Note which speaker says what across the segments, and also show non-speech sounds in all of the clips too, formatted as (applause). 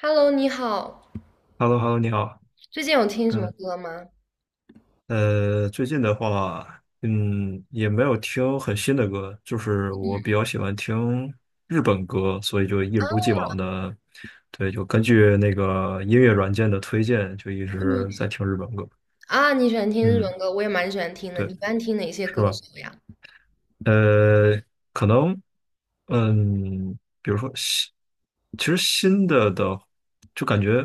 Speaker 1: Hello，你好，
Speaker 2: h e l l o h e l l o 你好。
Speaker 1: 最近有听什么
Speaker 2: 嗯，
Speaker 1: 歌吗？
Speaker 2: 最近的话，也没有听很新的歌，就是我比较喜欢听日本歌，所以就一如既往的，对，就根据那个音乐软件的推荐，就一
Speaker 1: 嗯，
Speaker 2: 直在听日本歌。
Speaker 1: 你喜欢听日
Speaker 2: 嗯，
Speaker 1: 文歌，我也蛮喜欢听的。
Speaker 2: 对，
Speaker 1: 你一般听哪些
Speaker 2: 是
Speaker 1: 歌
Speaker 2: 吧？
Speaker 1: 手呀？
Speaker 2: 呃，可能，比如说新，其实新的，就感觉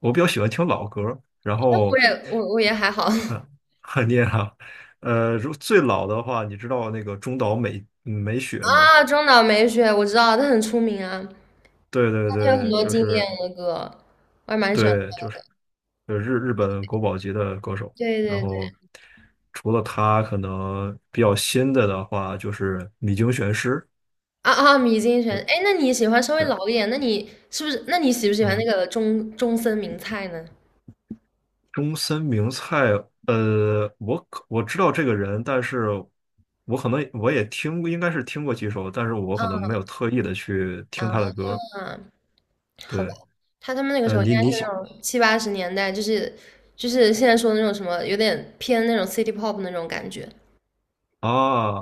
Speaker 2: 我比较喜欢听老歌，然
Speaker 1: 我
Speaker 2: 后。
Speaker 1: 也我我也还好。
Speaker 2: 嗯，
Speaker 1: (laughs)
Speaker 2: (laughs) 你也好。如最老的话，你知道那个中岛美雪吗？
Speaker 1: 啊，中岛美雪我知道，她很出名啊，她
Speaker 2: 对对
Speaker 1: 有很
Speaker 2: 对，
Speaker 1: 多
Speaker 2: 就
Speaker 1: 经典
Speaker 2: 是
Speaker 1: 的歌，我还蛮喜欢。
Speaker 2: 对，就是日本国宝级的歌手。
Speaker 1: 对
Speaker 2: 然
Speaker 1: 对对，
Speaker 2: 后除了他，可能比较新的的话，就是米津玄师。
Speaker 1: 米津玄，
Speaker 2: 对
Speaker 1: 哎，那你喜欢稍微
Speaker 2: 对，
Speaker 1: 老一点？那你是不是？那你喜不喜欢那
Speaker 2: 嗯，
Speaker 1: 个中森明菜呢？
Speaker 2: 中森明菜，我知道这个人，但是我可能我也听过应该是听过几首，但是我可能没有特意的去听他的
Speaker 1: 啊，
Speaker 2: 歌。
Speaker 1: 好吧，
Speaker 2: 对，
Speaker 1: 他他们那个时候应
Speaker 2: 你
Speaker 1: 该是
Speaker 2: 你写。
Speaker 1: 那种七八十年代，就是现在说的那种什么，有点偏那种 city pop 那种感觉。
Speaker 2: 啊，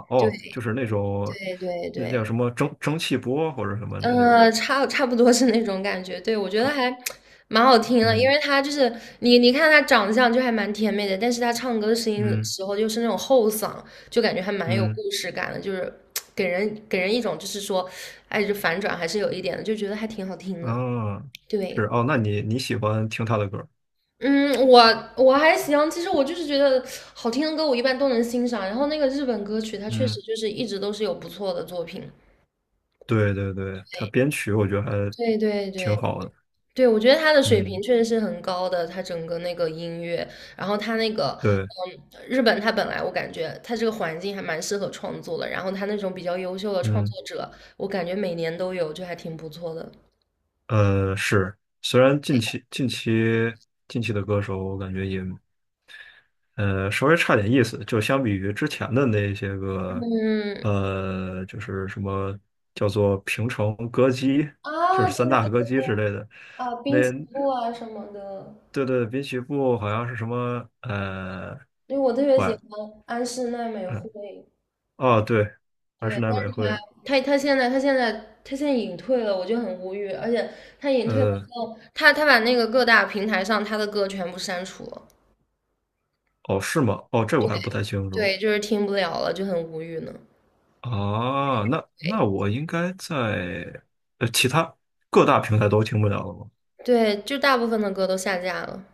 Speaker 2: 哦，就是那种
Speaker 1: 对对对
Speaker 2: 那
Speaker 1: 对，
Speaker 2: 叫什么蒸汽波或者什么那种，
Speaker 1: 差不多是那种感觉。对，我觉得还蛮好听的，因
Speaker 2: 嗯
Speaker 1: 为他就是你看他长相就还蛮甜美的，但是他唱歌的声音的
Speaker 2: 嗯
Speaker 1: 时候又是那种后嗓，就感觉还蛮有
Speaker 2: 嗯，
Speaker 1: 故事感的，就是给人一种就是说，哎，就反转还是有一点的，就觉得还挺好听的。
Speaker 2: 啊，是
Speaker 1: 对，
Speaker 2: 哦，那你喜欢听他的歌儿
Speaker 1: 嗯，我还行，其实我就是觉得好听的歌我一般都能欣赏，然后那个日本歌曲它确
Speaker 2: 嗯，
Speaker 1: 实就是一直都是有不错的作品，
Speaker 2: 对对对，他
Speaker 1: 对
Speaker 2: 编曲我觉得还
Speaker 1: 对对
Speaker 2: 挺
Speaker 1: 对
Speaker 2: 好的，
Speaker 1: 对，我觉得他的水平
Speaker 2: 嗯，
Speaker 1: 确实是很高的，他整个那个音乐，然后他那个，
Speaker 2: 对，
Speaker 1: 嗯，日本他本来我感觉他这个环境还蛮适合创作的，然后他那种比较优秀的创
Speaker 2: 嗯
Speaker 1: 作者，我感觉每年都有，就还挺不错的。
Speaker 2: 是，虽然近期的歌手我感觉也稍微差点意思，就相比于之前的那些个，
Speaker 1: 嗯，
Speaker 2: 就是什么叫做平成歌姬，就
Speaker 1: 啊，
Speaker 2: 是三
Speaker 1: 对对对
Speaker 2: 大歌
Speaker 1: 对，
Speaker 2: 姬之类的，
Speaker 1: 啊，
Speaker 2: 那
Speaker 1: 滨崎步啊什么的，
Speaker 2: 对对，滨崎步好像是什么
Speaker 1: 因为我特别喜
Speaker 2: 晚
Speaker 1: 欢安室奈美
Speaker 2: 嗯
Speaker 1: 惠，
Speaker 2: 哦对，还是
Speaker 1: 对，
Speaker 2: 奈
Speaker 1: 但是
Speaker 2: 美惠，
Speaker 1: 她她现在隐退了，我就很无语。而且她隐退了之
Speaker 2: 呃
Speaker 1: 后，她把那个各大平台上她的歌全部删除了，
Speaker 2: 哦是吗？哦这我还不太清楚
Speaker 1: 对，就是听不了了，就很无语呢。
Speaker 2: 啊，那
Speaker 1: 对
Speaker 2: 我应该在其他各大平台都听不了了吗？
Speaker 1: 对，就大部分的歌都下架了。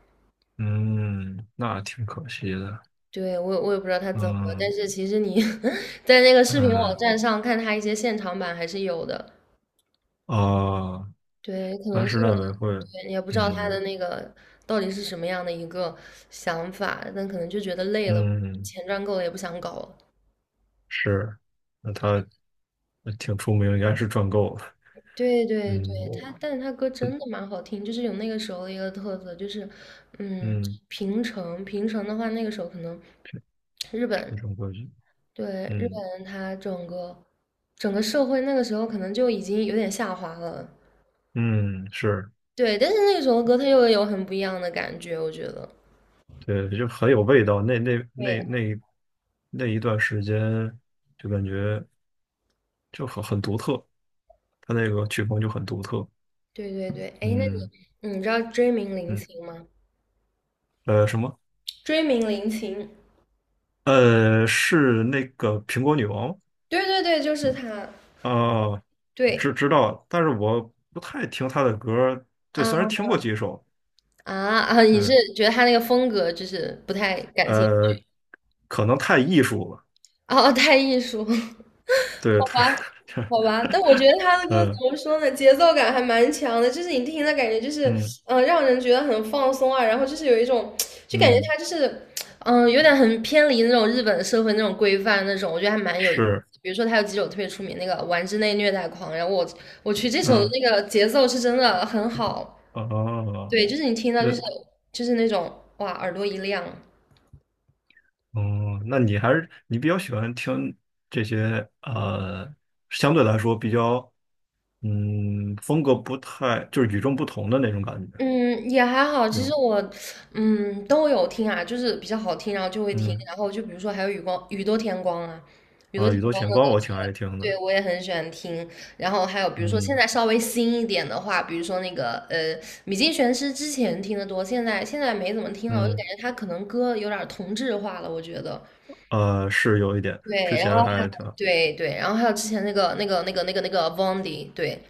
Speaker 2: 嗯，那挺可惜的。
Speaker 1: 对，我也不知道他怎么了，但
Speaker 2: 嗯，
Speaker 1: 是其实你 (laughs) 在那个视频网
Speaker 2: 嗯，
Speaker 1: 站上看他一些现场版还是有的，
Speaker 2: 哦，
Speaker 1: 对，可
Speaker 2: 安
Speaker 1: 能是，
Speaker 2: 室奈美惠，
Speaker 1: 对，也不知道他
Speaker 2: 嗯
Speaker 1: 的那个到底是什么样的一个想法，但可能就觉得累了，
Speaker 2: 嗯，
Speaker 1: 钱赚够了也不想搞了。
Speaker 2: 是，那他挺出名，应该是赚够了，
Speaker 1: 对对
Speaker 2: 嗯
Speaker 1: 对，他，但是他歌
Speaker 2: 嗯，
Speaker 1: 真的蛮好听，就是有那个时候的一个特色，就是，嗯，
Speaker 2: 嗯
Speaker 1: 平成的话，那个时候可能日
Speaker 2: 平
Speaker 1: 本，
Speaker 2: 成歌曲，
Speaker 1: 对，日
Speaker 2: 嗯
Speaker 1: 本它整个社会那个时候可能就已经有点下滑了，
Speaker 2: 嗯，是，
Speaker 1: 对，但是那个时候的歌它又有很不一样的感觉，我觉得。
Speaker 2: 对，就很有味道，那那那
Speaker 1: 对。
Speaker 2: 那那一段时间，就感觉就很独特，他那个曲风就很独特，
Speaker 1: 对对对，哎，那你，
Speaker 2: 嗯
Speaker 1: 你知道追名林
Speaker 2: 嗯，
Speaker 1: 檎吗？
Speaker 2: 什么？
Speaker 1: 追名林檎，
Speaker 2: 是那个苹果女王
Speaker 1: 对对对，就是他。
Speaker 2: 啊，哦
Speaker 1: 对，
Speaker 2: 知道，但是我不太听他的歌儿对，虽然
Speaker 1: 啊
Speaker 2: 听过几首，
Speaker 1: 啊！你是
Speaker 2: 对，
Speaker 1: 觉得他那个风格就是不太感兴
Speaker 2: 呃，
Speaker 1: 趣，
Speaker 2: 可能太艺术了，
Speaker 1: 哦太艺术。(laughs)
Speaker 2: 对，太，
Speaker 1: 好吧，但我觉得他
Speaker 2: (laughs)
Speaker 1: 的歌怎
Speaker 2: 呃，
Speaker 1: 么说呢，节奏感还蛮强的，就是你听的感觉就是，
Speaker 2: 嗯
Speaker 1: 让人觉得很放松啊，然后就是有一种，就感觉
Speaker 2: 嗯，
Speaker 1: 他就是，有点很偏离那种日本社会那种规范那种，我觉得还蛮有意思。
Speaker 2: 是，
Speaker 1: 比如说他有几首特别出名那个《玩之内虐待狂》，然后我去这首的
Speaker 2: 嗯，
Speaker 1: 那个节奏是真的很好，
Speaker 2: 哦，
Speaker 1: 对，就是你听到就是
Speaker 2: 那
Speaker 1: 就是那种哇耳朵一亮。
Speaker 2: 哦，那你还是你比较喜欢听这些相对来说比较嗯风格不太就是与众不同的那种感觉，
Speaker 1: 嗯，也还好。
Speaker 2: 这
Speaker 1: 其实
Speaker 2: 种
Speaker 1: 我，嗯，都有听啊，就是比较好听，然后就会听。
Speaker 2: 嗯
Speaker 1: 然后就比如说还有雨光、雨多天光啊，雨多
Speaker 2: 啊，
Speaker 1: 天
Speaker 2: 宇宙
Speaker 1: 光
Speaker 2: 田
Speaker 1: 的歌
Speaker 2: 光我
Speaker 1: 之
Speaker 2: 挺
Speaker 1: 类
Speaker 2: 爱
Speaker 1: 的，
Speaker 2: 听的，
Speaker 1: 对我也很喜欢听。然后还有比如说现
Speaker 2: 嗯
Speaker 1: 在稍微新一点的话，比如说那个米津玄师之前听的多，现在没怎么听了，我就
Speaker 2: 嗯。
Speaker 1: 感觉他可能歌有点儿同质化了，我觉得。
Speaker 2: 是有一点，之
Speaker 1: 对，然
Speaker 2: 前
Speaker 1: 后
Speaker 2: 还挺
Speaker 1: 对对，然后还有之前那个 Vondi,对，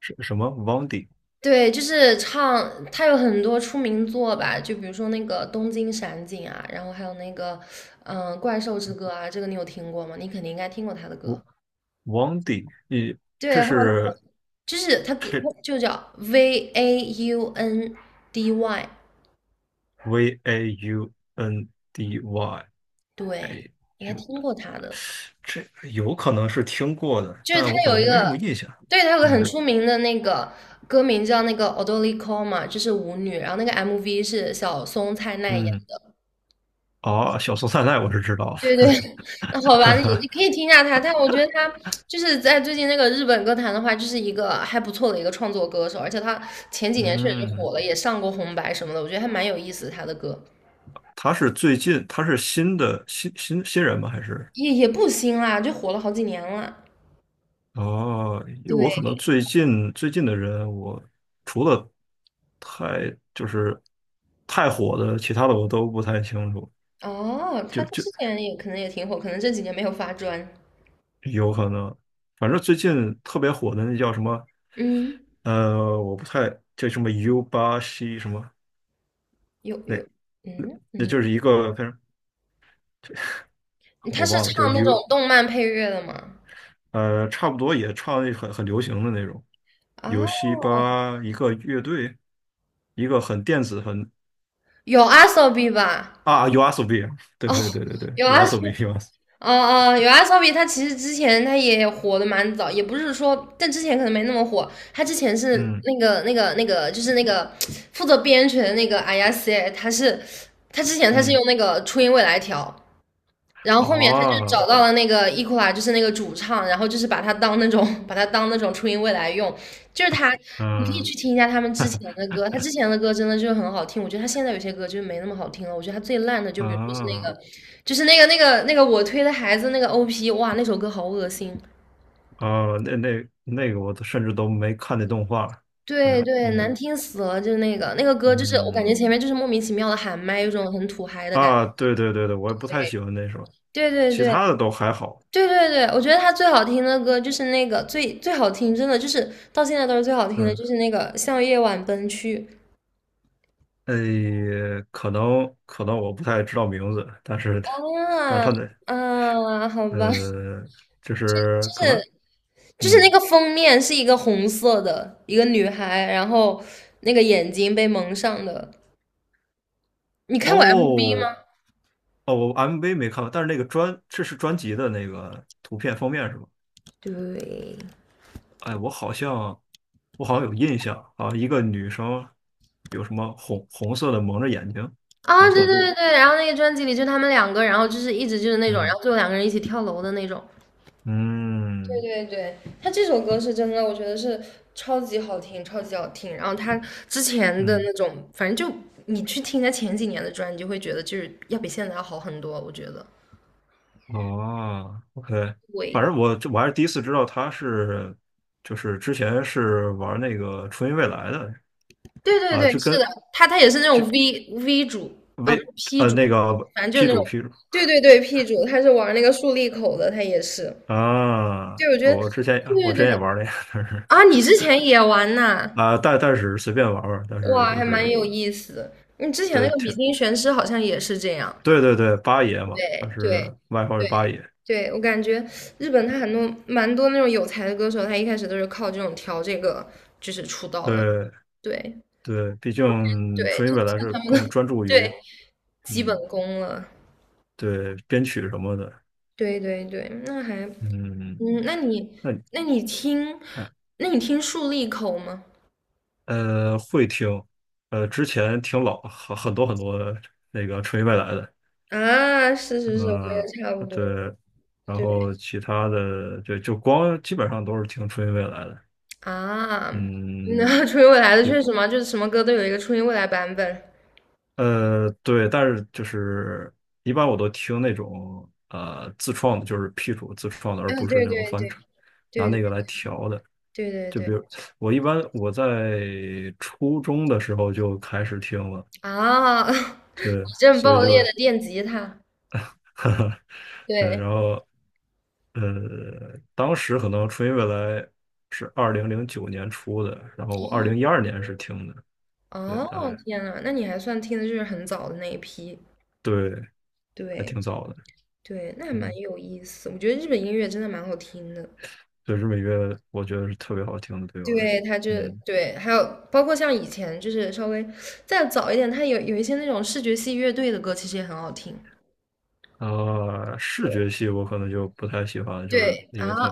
Speaker 2: 是什么 w a n d i
Speaker 1: 对，就是唱，他有很多出名作吧，就比如说那个《东京闪景》啊，然后还有那个，嗯，《怪兽之歌》啊，这个你有听过吗？你肯定应该听过他的歌。
Speaker 2: w a n d i 你
Speaker 1: 对，
Speaker 2: 这
Speaker 1: 还有那个
Speaker 2: 是
Speaker 1: 就是他歌
Speaker 2: 这
Speaker 1: 就叫 V A U N D Y,
Speaker 2: VAUNDY
Speaker 1: 对，
Speaker 2: A
Speaker 1: 应该
Speaker 2: U，
Speaker 1: 听过他的。
Speaker 2: 这有可能是听过的，
Speaker 1: 就是他
Speaker 2: 但我可
Speaker 1: 有
Speaker 2: 能
Speaker 1: 一
Speaker 2: 没什么
Speaker 1: 个，
Speaker 2: 印象。
Speaker 1: 对，他有个很
Speaker 2: 嗯
Speaker 1: 出名的那个歌名叫那个《o d o d k o o 嘛，就是舞女，然后那个 MV 是小松菜奈演。
Speaker 2: 嗯，哦，小松菜奈我是知道
Speaker 1: 对对，
Speaker 2: 的。
Speaker 1: (laughs) 那好吧，也可以听一下他，但我觉得他就是在最近那个日本歌坛的话，就是一个还不错的一个创作歌手，而且他前
Speaker 2: (laughs)
Speaker 1: 几年确实就火
Speaker 2: 嗯，
Speaker 1: 了，也上过红白什么的，我觉得还蛮有意思的。他的歌，
Speaker 2: 他是最近他是新的新新新人吗？还是？
Speaker 1: 也不新啦，就火了好几年了。
Speaker 2: 哦，因为我
Speaker 1: 对，
Speaker 2: 可能最近的人，我除了太就是太火的，其他的我都不太清楚，
Speaker 1: 哦，
Speaker 2: 就
Speaker 1: 他他
Speaker 2: 就
Speaker 1: 之前也可能也挺火，可能这几年没有发专。
Speaker 2: 有可能，反正最近特别火的那叫什么，
Speaker 1: 嗯，
Speaker 2: 我不太叫什么 U 八 C 什么，
Speaker 1: 有有，
Speaker 2: 那
Speaker 1: 嗯
Speaker 2: 那
Speaker 1: 嗯，
Speaker 2: 就是一个反正
Speaker 1: 他
Speaker 2: 我
Speaker 1: 是
Speaker 2: 忘了，就是
Speaker 1: 唱那种
Speaker 2: U
Speaker 1: 动漫配乐的吗？
Speaker 2: 差不多也唱那很流行的那种，
Speaker 1: 啊，
Speaker 2: 有西巴一个乐队，一个很电子很
Speaker 1: 有阿 s o b 吧？
Speaker 2: 啊 y s o b 对
Speaker 1: 哦，
Speaker 2: 对对对对
Speaker 1: 有
Speaker 2: y
Speaker 1: 阿
Speaker 2: s
Speaker 1: s,
Speaker 2: o b u a s
Speaker 1: 哦，哦，有阿骚比他其实之前他也火的蛮早，也不是说，但之前可能没那么火。他之前是
Speaker 2: 嗯
Speaker 1: 那个负责编曲的那个 i 亚 a 他是他之前他是
Speaker 2: 嗯，
Speaker 1: 用那个初音未来调，然后后面他就找
Speaker 2: 哦，
Speaker 1: 到了那个 e 伊库拉，就是那个主唱，然后就是把他当那种 (laughs) 把他当那种初音未来用，就是他，你可以
Speaker 2: 嗯
Speaker 1: 去听一下他们之前的歌，他之前的歌真的就很好听，我觉得他现在有些歌就没那么好听了，我觉得他最烂的就比如说是那个，
Speaker 2: 啊
Speaker 1: 就是那个我推的孩子那个 OP,哇，那首歌好恶心，
Speaker 2: 哦，那那个我都甚至都没看那动画，反
Speaker 1: 对
Speaker 2: 正
Speaker 1: 对，难
Speaker 2: 嗯
Speaker 1: 听死了，就那个歌就是我感觉
Speaker 2: 嗯
Speaker 1: 前面就是莫名其妙的喊麦，有种很土嗨的感觉，
Speaker 2: 啊，对对对对，我也不太喜欢那首，
Speaker 1: 对对
Speaker 2: 其
Speaker 1: 对，
Speaker 2: 他的都还好，
Speaker 1: 对对对，我觉得他最好听的歌就是那个最最好听，真的就是到现在都是最好听的，
Speaker 2: 嗯，
Speaker 1: 就是那个《向夜晚奔去》，
Speaker 2: 诶，可能我不太知道名字，但是
Speaker 1: 啊，
Speaker 2: 他的
Speaker 1: 啊，好吧，
Speaker 2: 呃，就是可能
Speaker 1: (laughs) 就是那
Speaker 2: 嗯
Speaker 1: 个封面是一个红色的一个女孩，然后那个眼睛被蒙上的。你看过 MV
Speaker 2: 哦
Speaker 1: 吗？
Speaker 2: 哦，我 MV 没看过，但是那个专，这是专辑的那个图片封面是吧？
Speaker 1: 对，
Speaker 2: 哎，我好像有印象啊，一个女生有什么红色的蒙着眼睛，
Speaker 1: 啊，
Speaker 2: 红色
Speaker 1: 对对
Speaker 2: 的布，
Speaker 1: 对对，然后那个专辑里就他们两个，然后就是一直就是那种，然
Speaker 2: 嗯
Speaker 1: 后最后两个人一起跳楼的那种。对
Speaker 2: 嗯
Speaker 1: 对对，他这首歌是真的，我觉得是超级好听，超级好听。然后他之前的
Speaker 2: 嗯，
Speaker 1: 那种，反正就你去听他前几年的专辑，就会觉得就是要比现在要好很多。我觉得，
Speaker 2: 哦，OK，反
Speaker 1: 对，
Speaker 2: 正我还是第一次知道她是，就是之前是玩那个初音未来的
Speaker 1: 对对
Speaker 2: 啊，
Speaker 1: 对，
Speaker 2: 就
Speaker 1: 是的，
Speaker 2: 跟
Speaker 1: 他他也是那种 V V 主，啊，不是
Speaker 2: 微
Speaker 1: P 主，
Speaker 2: 那个
Speaker 1: 反正就是
Speaker 2: P
Speaker 1: 那
Speaker 2: 主
Speaker 1: 种，
Speaker 2: P 主
Speaker 1: 对对对，P 主，他是玩那个竖立口的，他也是。
Speaker 2: 啊，
Speaker 1: 对，我觉得，
Speaker 2: 我之前我
Speaker 1: 对
Speaker 2: 之
Speaker 1: 对
Speaker 2: 前也
Speaker 1: 对，
Speaker 2: 玩那个，
Speaker 1: 啊，
Speaker 2: (laughs)
Speaker 1: 你之前也玩呐，
Speaker 2: 啊，但是随便玩玩，但是
Speaker 1: 哇，
Speaker 2: 就
Speaker 1: 还蛮
Speaker 2: 是
Speaker 1: 有意思。你之前那
Speaker 2: 对
Speaker 1: 个《比
Speaker 2: 挺
Speaker 1: 金玄师》好像也是这样。
Speaker 2: 对对对，八爷嘛，他
Speaker 1: 对对
Speaker 2: 是外号是八
Speaker 1: 对
Speaker 2: 爷，
Speaker 1: 对，我感觉日本他蛮多那种有才的歌手，他一开始都是靠这种调这个就是出道的。
Speaker 2: 对
Speaker 1: 对
Speaker 2: 对，毕竟
Speaker 1: 对，
Speaker 2: 纯音
Speaker 1: 这
Speaker 2: 未
Speaker 1: 就
Speaker 2: 来
Speaker 1: 算
Speaker 2: 是
Speaker 1: 他们
Speaker 2: 更
Speaker 1: 的 (laughs)
Speaker 2: 专注
Speaker 1: 对
Speaker 2: 于
Speaker 1: 基本
Speaker 2: 嗯
Speaker 1: 功了。
Speaker 2: 对编曲什么的，
Speaker 1: 对对对，那还
Speaker 2: 嗯，
Speaker 1: 嗯，那你
Speaker 2: 那你
Speaker 1: 那你听，
Speaker 2: 呃
Speaker 1: 那你听竖立口吗？
Speaker 2: 会听，之前听老很多很多那个纯音未来的，
Speaker 1: 啊，是是是，我
Speaker 2: 嗯
Speaker 1: 也差不多。
Speaker 2: 对，然
Speaker 1: 对
Speaker 2: 后其他的对就光基本上都是听纯音未来的，
Speaker 1: 啊，
Speaker 2: 嗯。
Speaker 1: 那 (laughs) 初音未来的确实嘛，就是什么歌都有一个初音未来版本。啊，
Speaker 2: 对，但是就是一般我都听那种自创的，就是 P 主自创的，而
Speaker 1: 对
Speaker 2: 不是
Speaker 1: 对
Speaker 2: 那种
Speaker 1: 对
Speaker 2: 翻唱，拿
Speaker 1: 对对
Speaker 2: 那个来调的。
Speaker 1: 对对
Speaker 2: 就比
Speaker 1: 对。
Speaker 2: 如我一般在初中的时候就开始听了，
Speaker 1: 啊，(laughs)
Speaker 2: 对，
Speaker 1: 矩阵
Speaker 2: 所以
Speaker 1: 爆
Speaker 2: 就，
Speaker 1: 裂
Speaker 2: (laughs)
Speaker 1: 的电吉他，
Speaker 2: 哈哈，对，
Speaker 1: 对，
Speaker 2: 然后呃，当时可能初音未来是2009年出的，然后我2012年是听的，对，
Speaker 1: 哦，
Speaker 2: 大概
Speaker 1: 天呐，那你还算听的就是很早的那一批，
Speaker 2: 对，还
Speaker 1: 对
Speaker 2: 挺早的，
Speaker 1: 对，那还蛮
Speaker 2: 嗯。
Speaker 1: 有意思。我觉得日本音乐真的蛮好听的，
Speaker 2: 对，日美乐我觉得是特别好听的，对我来说，
Speaker 1: 对，它就
Speaker 2: 嗯，
Speaker 1: 对，还有包括像以前就是稍微再早一点，它有一些那种视觉系乐队的歌，其实也很好听。
Speaker 2: 啊，视觉系我可能就不太喜欢，就是
Speaker 1: 对
Speaker 2: 因
Speaker 1: 啊，
Speaker 2: 为它，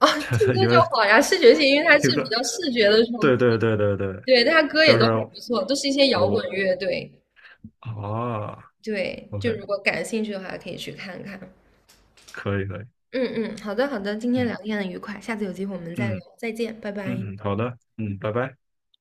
Speaker 1: 哦，听
Speaker 2: (laughs)
Speaker 1: 歌
Speaker 2: 因
Speaker 1: 就
Speaker 2: 为
Speaker 1: 好呀。视觉系，因为它
Speaker 2: 这
Speaker 1: 是比
Speaker 2: 个，
Speaker 1: 较视觉的冲
Speaker 2: 对对
Speaker 1: 击，
Speaker 2: 对对对，
Speaker 1: 对，它歌也
Speaker 2: 就是
Speaker 1: 都还不错，都是一些摇滚
Speaker 2: 我
Speaker 1: 乐队。
Speaker 2: 啊
Speaker 1: 对，就如
Speaker 2: ，OK，
Speaker 1: 果感兴趣的话，可以去看看。
Speaker 2: 可以可以，
Speaker 1: 嗯嗯，好的，今天聊
Speaker 2: 嗯
Speaker 1: 天很愉快，下次有机会我们再聊，
Speaker 2: 嗯
Speaker 1: 再见，拜拜。
Speaker 2: 嗯嗯，好的，嗯，拜拜。